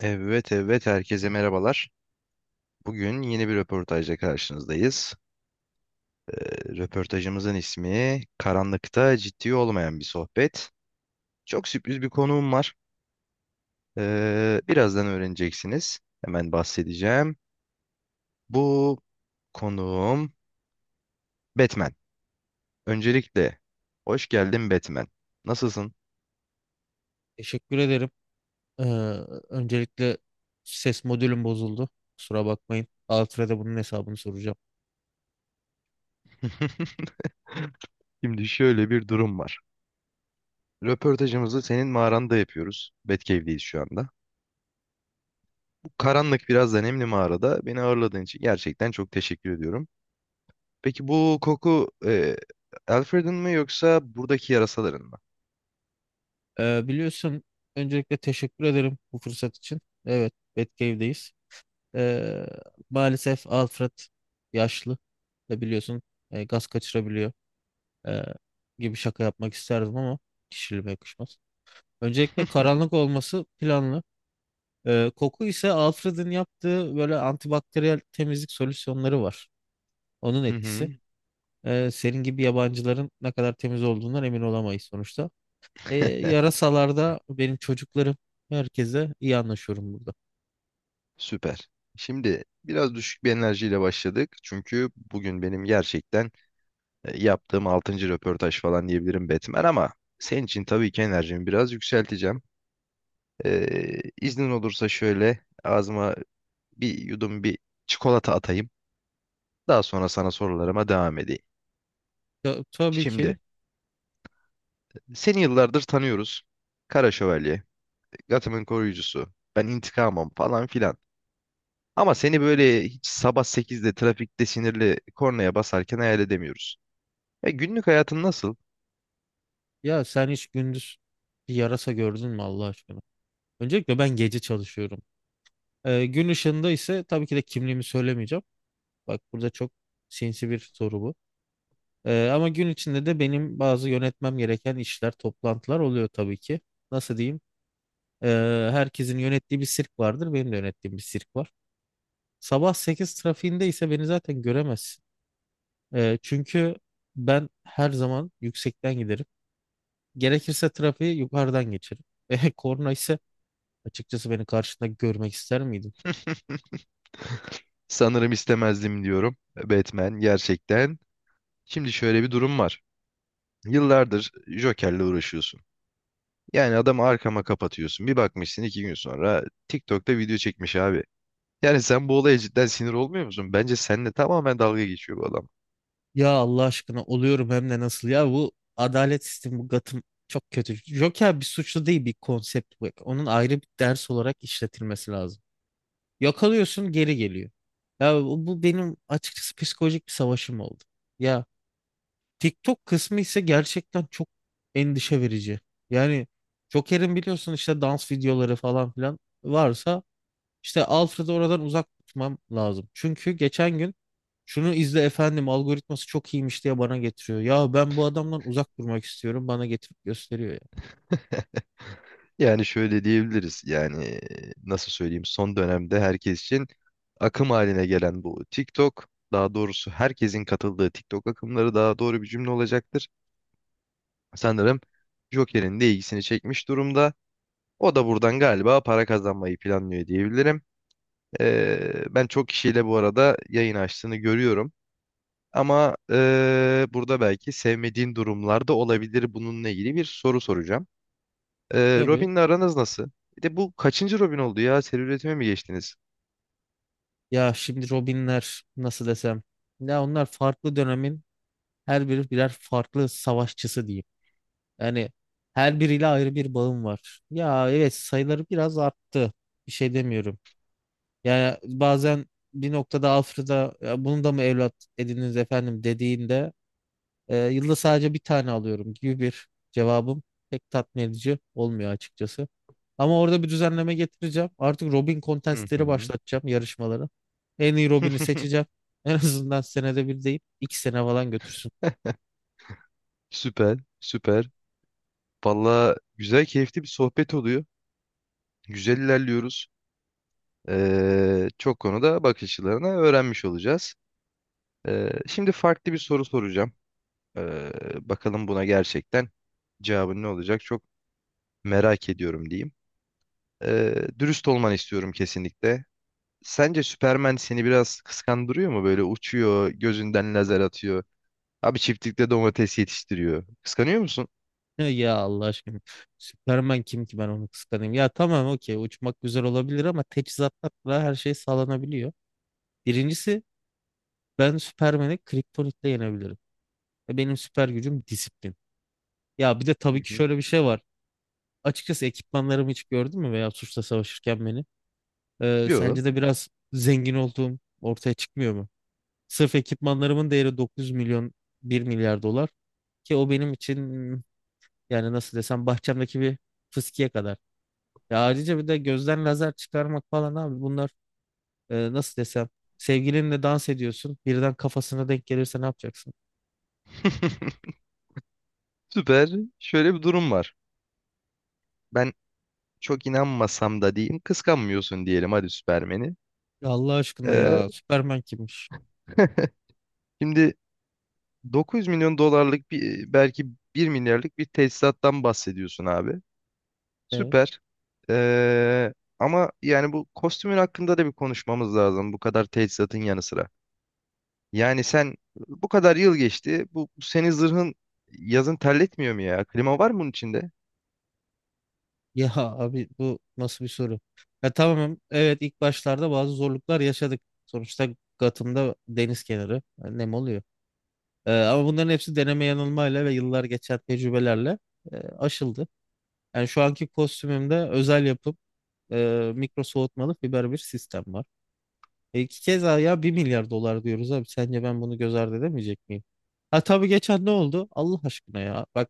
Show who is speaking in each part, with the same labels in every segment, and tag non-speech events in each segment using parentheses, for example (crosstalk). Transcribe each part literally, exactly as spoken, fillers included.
Speaker 1: Evet evet herkese merhabalar. Bugün yeni bir röportajla karşınızdayız. Ee, röportajımızın ismi Karanlıkta Ciddi Olmayan Bir Sohbet. Çok sürpriz bir konuğum var. Ee, birazdan öğreneceksiniz. Hemen bahsedeceğim. Bu konuğum Batman. Öncelikle hoş geldin Batman. Nasılsın?
Speaker 2: Teşekkür ederim. Ee, öncelikle ses modülüm bozuldu. Kusura bakmayın. Alfred'e bunun hesabını soracağım.
Speaker 1: (laughs) Şimdi şöyle bir durum var. Röportajımızı senin mağaranda yapıyoruz. Batcave'deyiz şu anda. Karanlık biraz da nemli mağarada beni ağırladığın için gerçekten çok teşekkür ediyorum. Peki bu koku e, Alfred'in mi yoksa buradaki yarasaların mı?
Speaker 2: Ee, biliyorsun öncelikle teşekkür ederim bu fırsat için. Evet, Batcave'deyiz. Ee, maalesef Alfred yaşlı ve biliyorsun e, gaz kaçırabiliyor Ee, gibi şaka yapmak isterdim ama kişiliğime yakışmaz. Öncelikle karanlık olması planlı. Ee, koku ise Alfred'in yaptığı böyle antibakteriyel temizlik solüsyonları var. Onun
Speaker 1: Hı
Speaker 2: etkisi.
Speaker 1: hı.
Speaker 2: E, senin gibi yabancıların ne kadar temiz olduğundan emin olamayız sonuçta. E,
Speaker 1: (laughs)
Speaker 2: yarasalarda benim çocuklarım, herkese iyi anlaşıyorum burada.
Speaker 1: Süper. Şimdi biraz düşük bir enerjiyle başladık. Çünkü bugün benim gerçekten e, yaptığım altıncı röportaj falan diyebilirim Batman ama senin için tabii ki enerjimi biraz yükselteceğim. Ee, iznin olursa şöyle ağzıma bir yudum bir çikolata atayım. Daha sonra sana sorularıma devam edeyim.
Speaker 2: Ya, tabii
Speaker 1: Şimdi
Speaker 2: ki.
Speaker 1: seni yıllardır tanıyoruz. Kara Şövalye, Gotham'ın koruyucusu. Ben intikamım falan filan. Ama seni böyle hiç sabah sekizde trafikte sinirli kornaya basarken hayal edemiyoruz. E, günlük hayatın nasıl?
Speaker 2: Ya sen hiç gündüz bir yarasa gördün mü Allah aşkına? Öncelikle ben gece çalışıyorum. E, gün ışığında ise tabii ki de kimliğimi söylemeyeceğim. Bak, burada çok sinsi bir soru bu. E, ama gün içinde de benim bazı yönetmem gereken işler, toplantılar oluyor tabii ki. Nasıl diyeyim? E, Herkesin yönettiği bir sirk vardır. Benim de yönettiğim bir sirk var. Sabah sekiz trafiğinde ise beni zaten göremezsin. Ee, çünkü ben her zaman yüksekten giderim. Gerekirse trafiği yukarıdan geçerim. (laughs) E, korna ise açıkçası beni karşında görmek ister miydin?
Speaker 1: Sanırım istemezdim diyorum. Batman gerçekten. Şimdi şöyle bir durum var. Yıllardır Joker'le uğraşıyorsun. Yani adamı arkama kapatıyorsun. Bir bakmışsın iki gün sonra TikTok'ta video çekmiş abi. Yani sen bu olaya cidden sinir olmuyor musun? Bence seninle tamamen dalga geçiyor bu adam.
Speaker 2: Ya Allah aşkına, oluyorum hem de nasıl ya. Bu adalet sistemi, bu Gotham çok kötü. Joker bir suçlu değil, bir konsept bu. Onun ayrı bir ders olarak işletilmesi lazım. Yakalıyorsun, geri geliyor. Ya bu bu benim açıkçası psikolojik bir savaşım oldu. Ya, TikTok kısmı ise gerçekten çok endişe verici. Yani Joker'in biliyorsun işte dans videoları falan filan varsa, işte Alfred'i oradan uzak tutmam lazım. Çünkü geçen gün "şunu izle efendim, algoritması çok iyiymiş" diye bana getiriyor. Ya ben bu adamdan uzak durmak istiyorum, bana getirip gösteriyor ya.
Speaker 1: Yani şöyle diyebiliriz yani e, nasıl söyleyeyim son dönemde herkes için akım haline gelen bu TikTok daha doğrusu herkesin katıldığı TikTok akımları daha doğru bir cümle olacaktır. Sanırım Joker'in de ilgisini çekmiş durumda. O da buradan galiba para kazanmayı planlıyor diyebilirim. Ee, ben çok kişiyle bu arada yayın açtığını görüyorum. Ama e, burada belki sevmediğin durumlar da olabilir. Bununla ilgili bir soru soracağım. Ee,
Speaker 2: Tabii.
Speaker 1: Robin'le aranız nasıl? Bir de bu kaçıncı Robin oldu ya? Seri üretime mi geçtiniz?
Speaker 2: Ya şimdi Robinler nasıl desem. Ya onlar farklı dönemin, her biri birer farklı savaşçısı diyeyim. Yani her biriyle ayrı bir bağım var. Ya evet, sayıları biraz arttı. Bir şey demiyorum. Yani bazen bir noktada Alfred'a "Ya bunu da mı evlat edindiniz efendim?" dediğinde, e, "yılda sadece bir tane alıyorum" gibi bir cevabım pek tatmin edici olmuyor açıkçası. Ama orada bir düzenleme getireceğim. Artık Robin
Speaker 1: Hı
Speaker 2: kontestleri
Speaker 1: hı.
Speaker 2: başlatacağım, yarışmaları. En iyi Robin'i seçeceğim. (laughs) En azından senede bir değil, iki sene falan götürsün.
Speaker 1: Süper, süper. Valla güzel, keyifli bir sohbet oluyor. Güzel ilerliyoruz. Ee, çok konuda bakış açılarını öğrenmiş olacağız. Ee, şimdi farklı bir soru soracağım. Ee, bakalım buna gerçekten cevabın ne olacak? Çok merak ediyorum diyeyim. Ee, dürüst olmanı istiyorum kesinlikle. Sence Superman seni biraz kıskandırıyor mu? Böyle uçuyor, gözünden lazer atıyor. Abi çiftlikte domates yetiştiriyor. Kıskanıyor musun?
Speaker 2: Ne ya, Allah aşkına. Superman kim ki ben onu kıskanayım? Ya tamam, okey, uçmak güzel olabilir ama teçhizatla her şey sağlanabiliyor. Birincisi, ben Superman'i kriptonitle yenebilirim. Ve benim süper gücüm disiplin. Ya bir de
Speaker 1: Hı
Speaker 2: tabii ki
Speaker 1: hı.
Speaker 2: şöyle bir şey var. Açıkçası ekipmanlarımı hiç gördün mü, veya suçla savaşırken beni? Ee,
Speaker 1: Yok.
Speaker 2: sence de biraz zengin olduğum ortaya çıkmıyor mu? Sırf ekipmanlarımın değeri dokuz yüz milyon, bir milyar dolar, ki o benim için yani nasıl desem, bahçemdeki bir fıskiye kadar. Ya ayrıca bir de gözden lazer çıkarmak falan abi, bunlar e, nasıl desem, sevgilinle dans ediyorsun, birden kafasına denk gelirse ne yapacaksın?
Speaker 1: (laughs) Süper. Şöyle bir durum var. Ben çok inanmasam da diyeyim kıskanmıyorsun diyelim hadi Süpermen'i.
Speaker 2: Ya Allah aşkına
Speaker 1: Ee,
Speaker 2: ya, Superman kimmiş?
Speaker 1: (laughs) Şimdi dokuz yüz milyon dolarlık bir belki bir milyarlık bir tesisattan bahsediyorsun abi.
Speaker 2: Evet.
Speaker 1: Süper. Ee, ama yani bu kostümün hakkında da bir konuşmamız lazım bu kadar tesisatın yanı sıra. Yani sen bu kadar yıl geçti bu, bu senin zırhın yazın terletmiyor mu ya? Klima var mı bunun içinde?
Speaker 2: Ya, (laughs) abi bu nasıl bir soru? Ya tamam, evet, ilk başlarda bazı zorluklar yaşadık. Sonuçta Gotham'da deniz kenarı, e, nem oluyor. E, ama bunların hepsi deneme yanılmayla ve yıllar geçen tecrübelerle e, aşıldı. Yani şu anki kostümümde özel yapım e, mikro soğutmalı fiber bir sistem var. E iki kez daha ya, bir milyar dolar diyoruz abi. Sence ben bunu göz ardı edemeyecek miyim? Ha tabii, geçen ne oldu? Allah aşkına ya. Bak,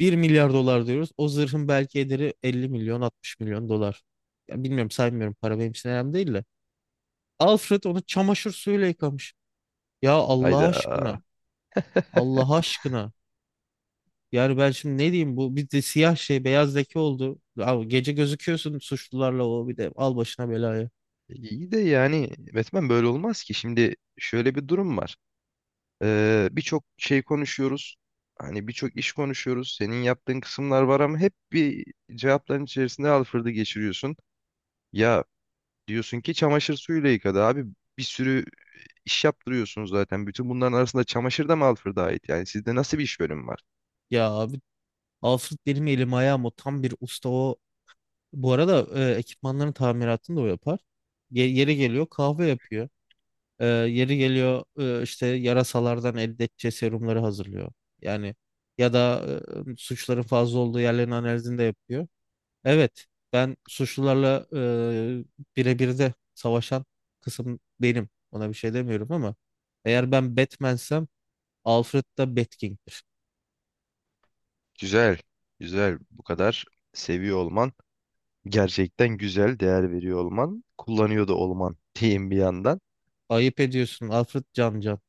Speaker 2: bir milyar dolar diyoruz. O zırhın belki ederi elli milyon, altmış milyon dolar. Ya bilmiyorum, saymıyorum, para benim için önemli değil de. Alfred onu çamaşır suyuyla yıkamış. Ya Allah
Speaker 1: Hayda.
Speaker 2: aşkına. Allah aşkına. Yani ben şimdi ne diyeyim, bu bir de siyah şey, beyaz leke oldu. Abi gece gözüküyorsun suçlularla, o bir de al başına belayı.
Speaker 1: İyi de yani Batman böyle olmaz ki. Şimdi şöyle bir durum var. Ee, birçok şey konuşuyoruz. Hani birçok iş konuşuyoruz. Senin yaptığın kısımlar var ama hep bir cevapların içerisinde alfırdı geçiriyorsun. Ya diyorsun ki çamaşır suyuyla yıkadı abi. Bir sürü iş yaptırıyorsunuz zaten. Bütün bunların arasında çamaşır da mı alfırda ait? Yani sizde nasıl bir iş bölümü var?
Speaker 2: Ya abi, Alfred benim elim ayağım, o tam bir usta o. Bu arada e, ekipmanların tamiratını da o yapar. Ye- yeri geliyor kahve yapıyor. E, yeri geliyor e, işte yarasalardan elde edeceği serumları hazırlıyor. Yani ya da e, suçların fazla olduğu yerlerin analizini de yapıyor. Evet, ben suçlularla e, birebir de savaşan kısım benim. Ona bir şey demiyorum ama eğer ben Batman'sem, Alfred da Batging'dir.
Speaker 1: Güzel. Güzel. Bu kadar seviyor olman. Gerçekten güzel. Değer veriyor olman. Kullanıyor da olman diyeyim bir yandan.
Speaker 2: Ayıp ediyorsun Alfred Can Can.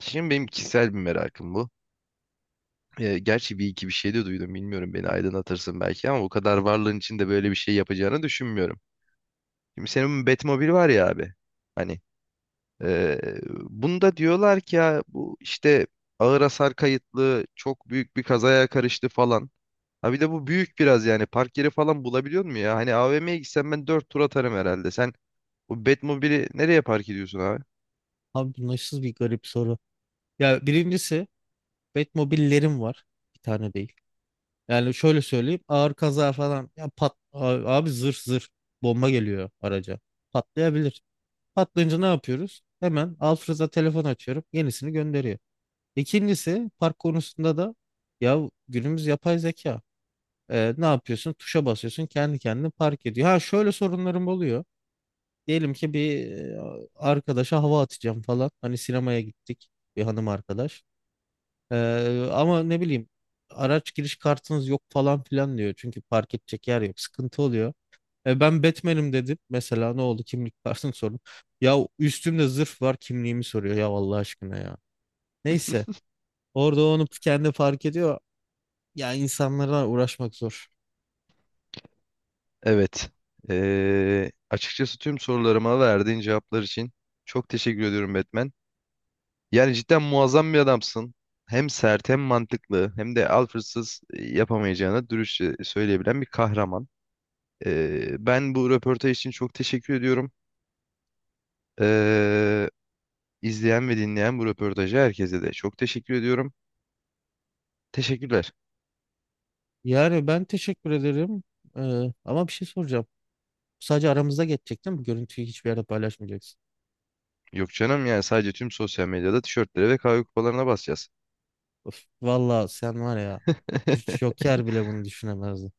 Speaker 1: Şimdi benim kişisel bir merakım bu. Ee, gerçi bir iki bir şey de duydum bilmiyorum beni aydınlatırsın belki ama o kadar varlığın içinde böyle bir şey yapacağını düşünmüyorum. Şimdi senin Batmobil var ya abi. Hani ee, bunda diyorlar ki ya bu işte ağır hasar kayıtlı çok büyük bir kazaya karıştı falan. Ha bir de bu büyük biraz yani park yeri falan bulabiliyor mu ya? Hani A V M'ye gitsem ben dört tur atarım herhalde. Sen o Batmobil'i nereye park ediyorsun abi?
Speaker 2: Abi bu nasıl bir garip soru. Ya birincisi, Batmobillerim var. Bir tane değil. Yani şöyle söyleyeyim, ağır kaza falan ya, pat abi, abi, zırh zırh, bomba geliyor araca. Patlayabilir. Patlayınca ne yapıyoruz? Hemen Alfred'a telefon açıyorum. Yenisini gönderiyor. İkincisi, park konusunda da ya günümüz yapay zeka. Ee, ne yapıyorsun? Tuşa basıyorsun, kendi kendine park ediyor. Ha şöyle sorunlarım oluyor. Diyelim ki bir e, arkadaşa hava atacağım falan. Hani sinemaya gittik bir hanım arkadaş. Ee, ama ne bileyim, "araç giriş kartınız yok" falan filan diyor. Çünkü park edecek yer yok. Sıkıntı oluyor. E, ben Batman'im dedim. Mesela ne oldu? Kimlik (laughs) kartını sordum. Ya üstümde zırh var, kimliğimi soruyor ya, Allah aşkına ya. Neyse. Orada onu kendi fark ediyor. Ya insanlara uğraşmak zor.
Speaker 1: Evet. Ee, açıkçası tüm sorularıma verdiğin cevaplar için çok teşekkür ediyorum Batman. Yani cidden muazzam bir adamsın. Hem sert hem mantıklı hem de Alfred'sız yapamayacağını dürüstçe söyleyebilen bir kahraman. Ee, ben bu röportaj için çok teşekkür ediyorum. Ee, izleyen ve dinleyen bu röportajı herkese de çok teşekkür ediyorum. Teşekkürler.
Speaker 2: Yani ben teşekkür ederim. Ee, Ama bir şey soracağım. Sadece aramızda geçecek değil mi? Görüntüyü hiçbir yerde paylaşmayacaksın.
Speaker 1: Yok canım yani sadece tüm sosyal medyada tişörtlere ve kahve kupalarına basacağız.
Speaker 2: Of, valla sen var ya.
Speaker 1: (laughs)
Speaker 2: Joker bile bunu düşünemezdi.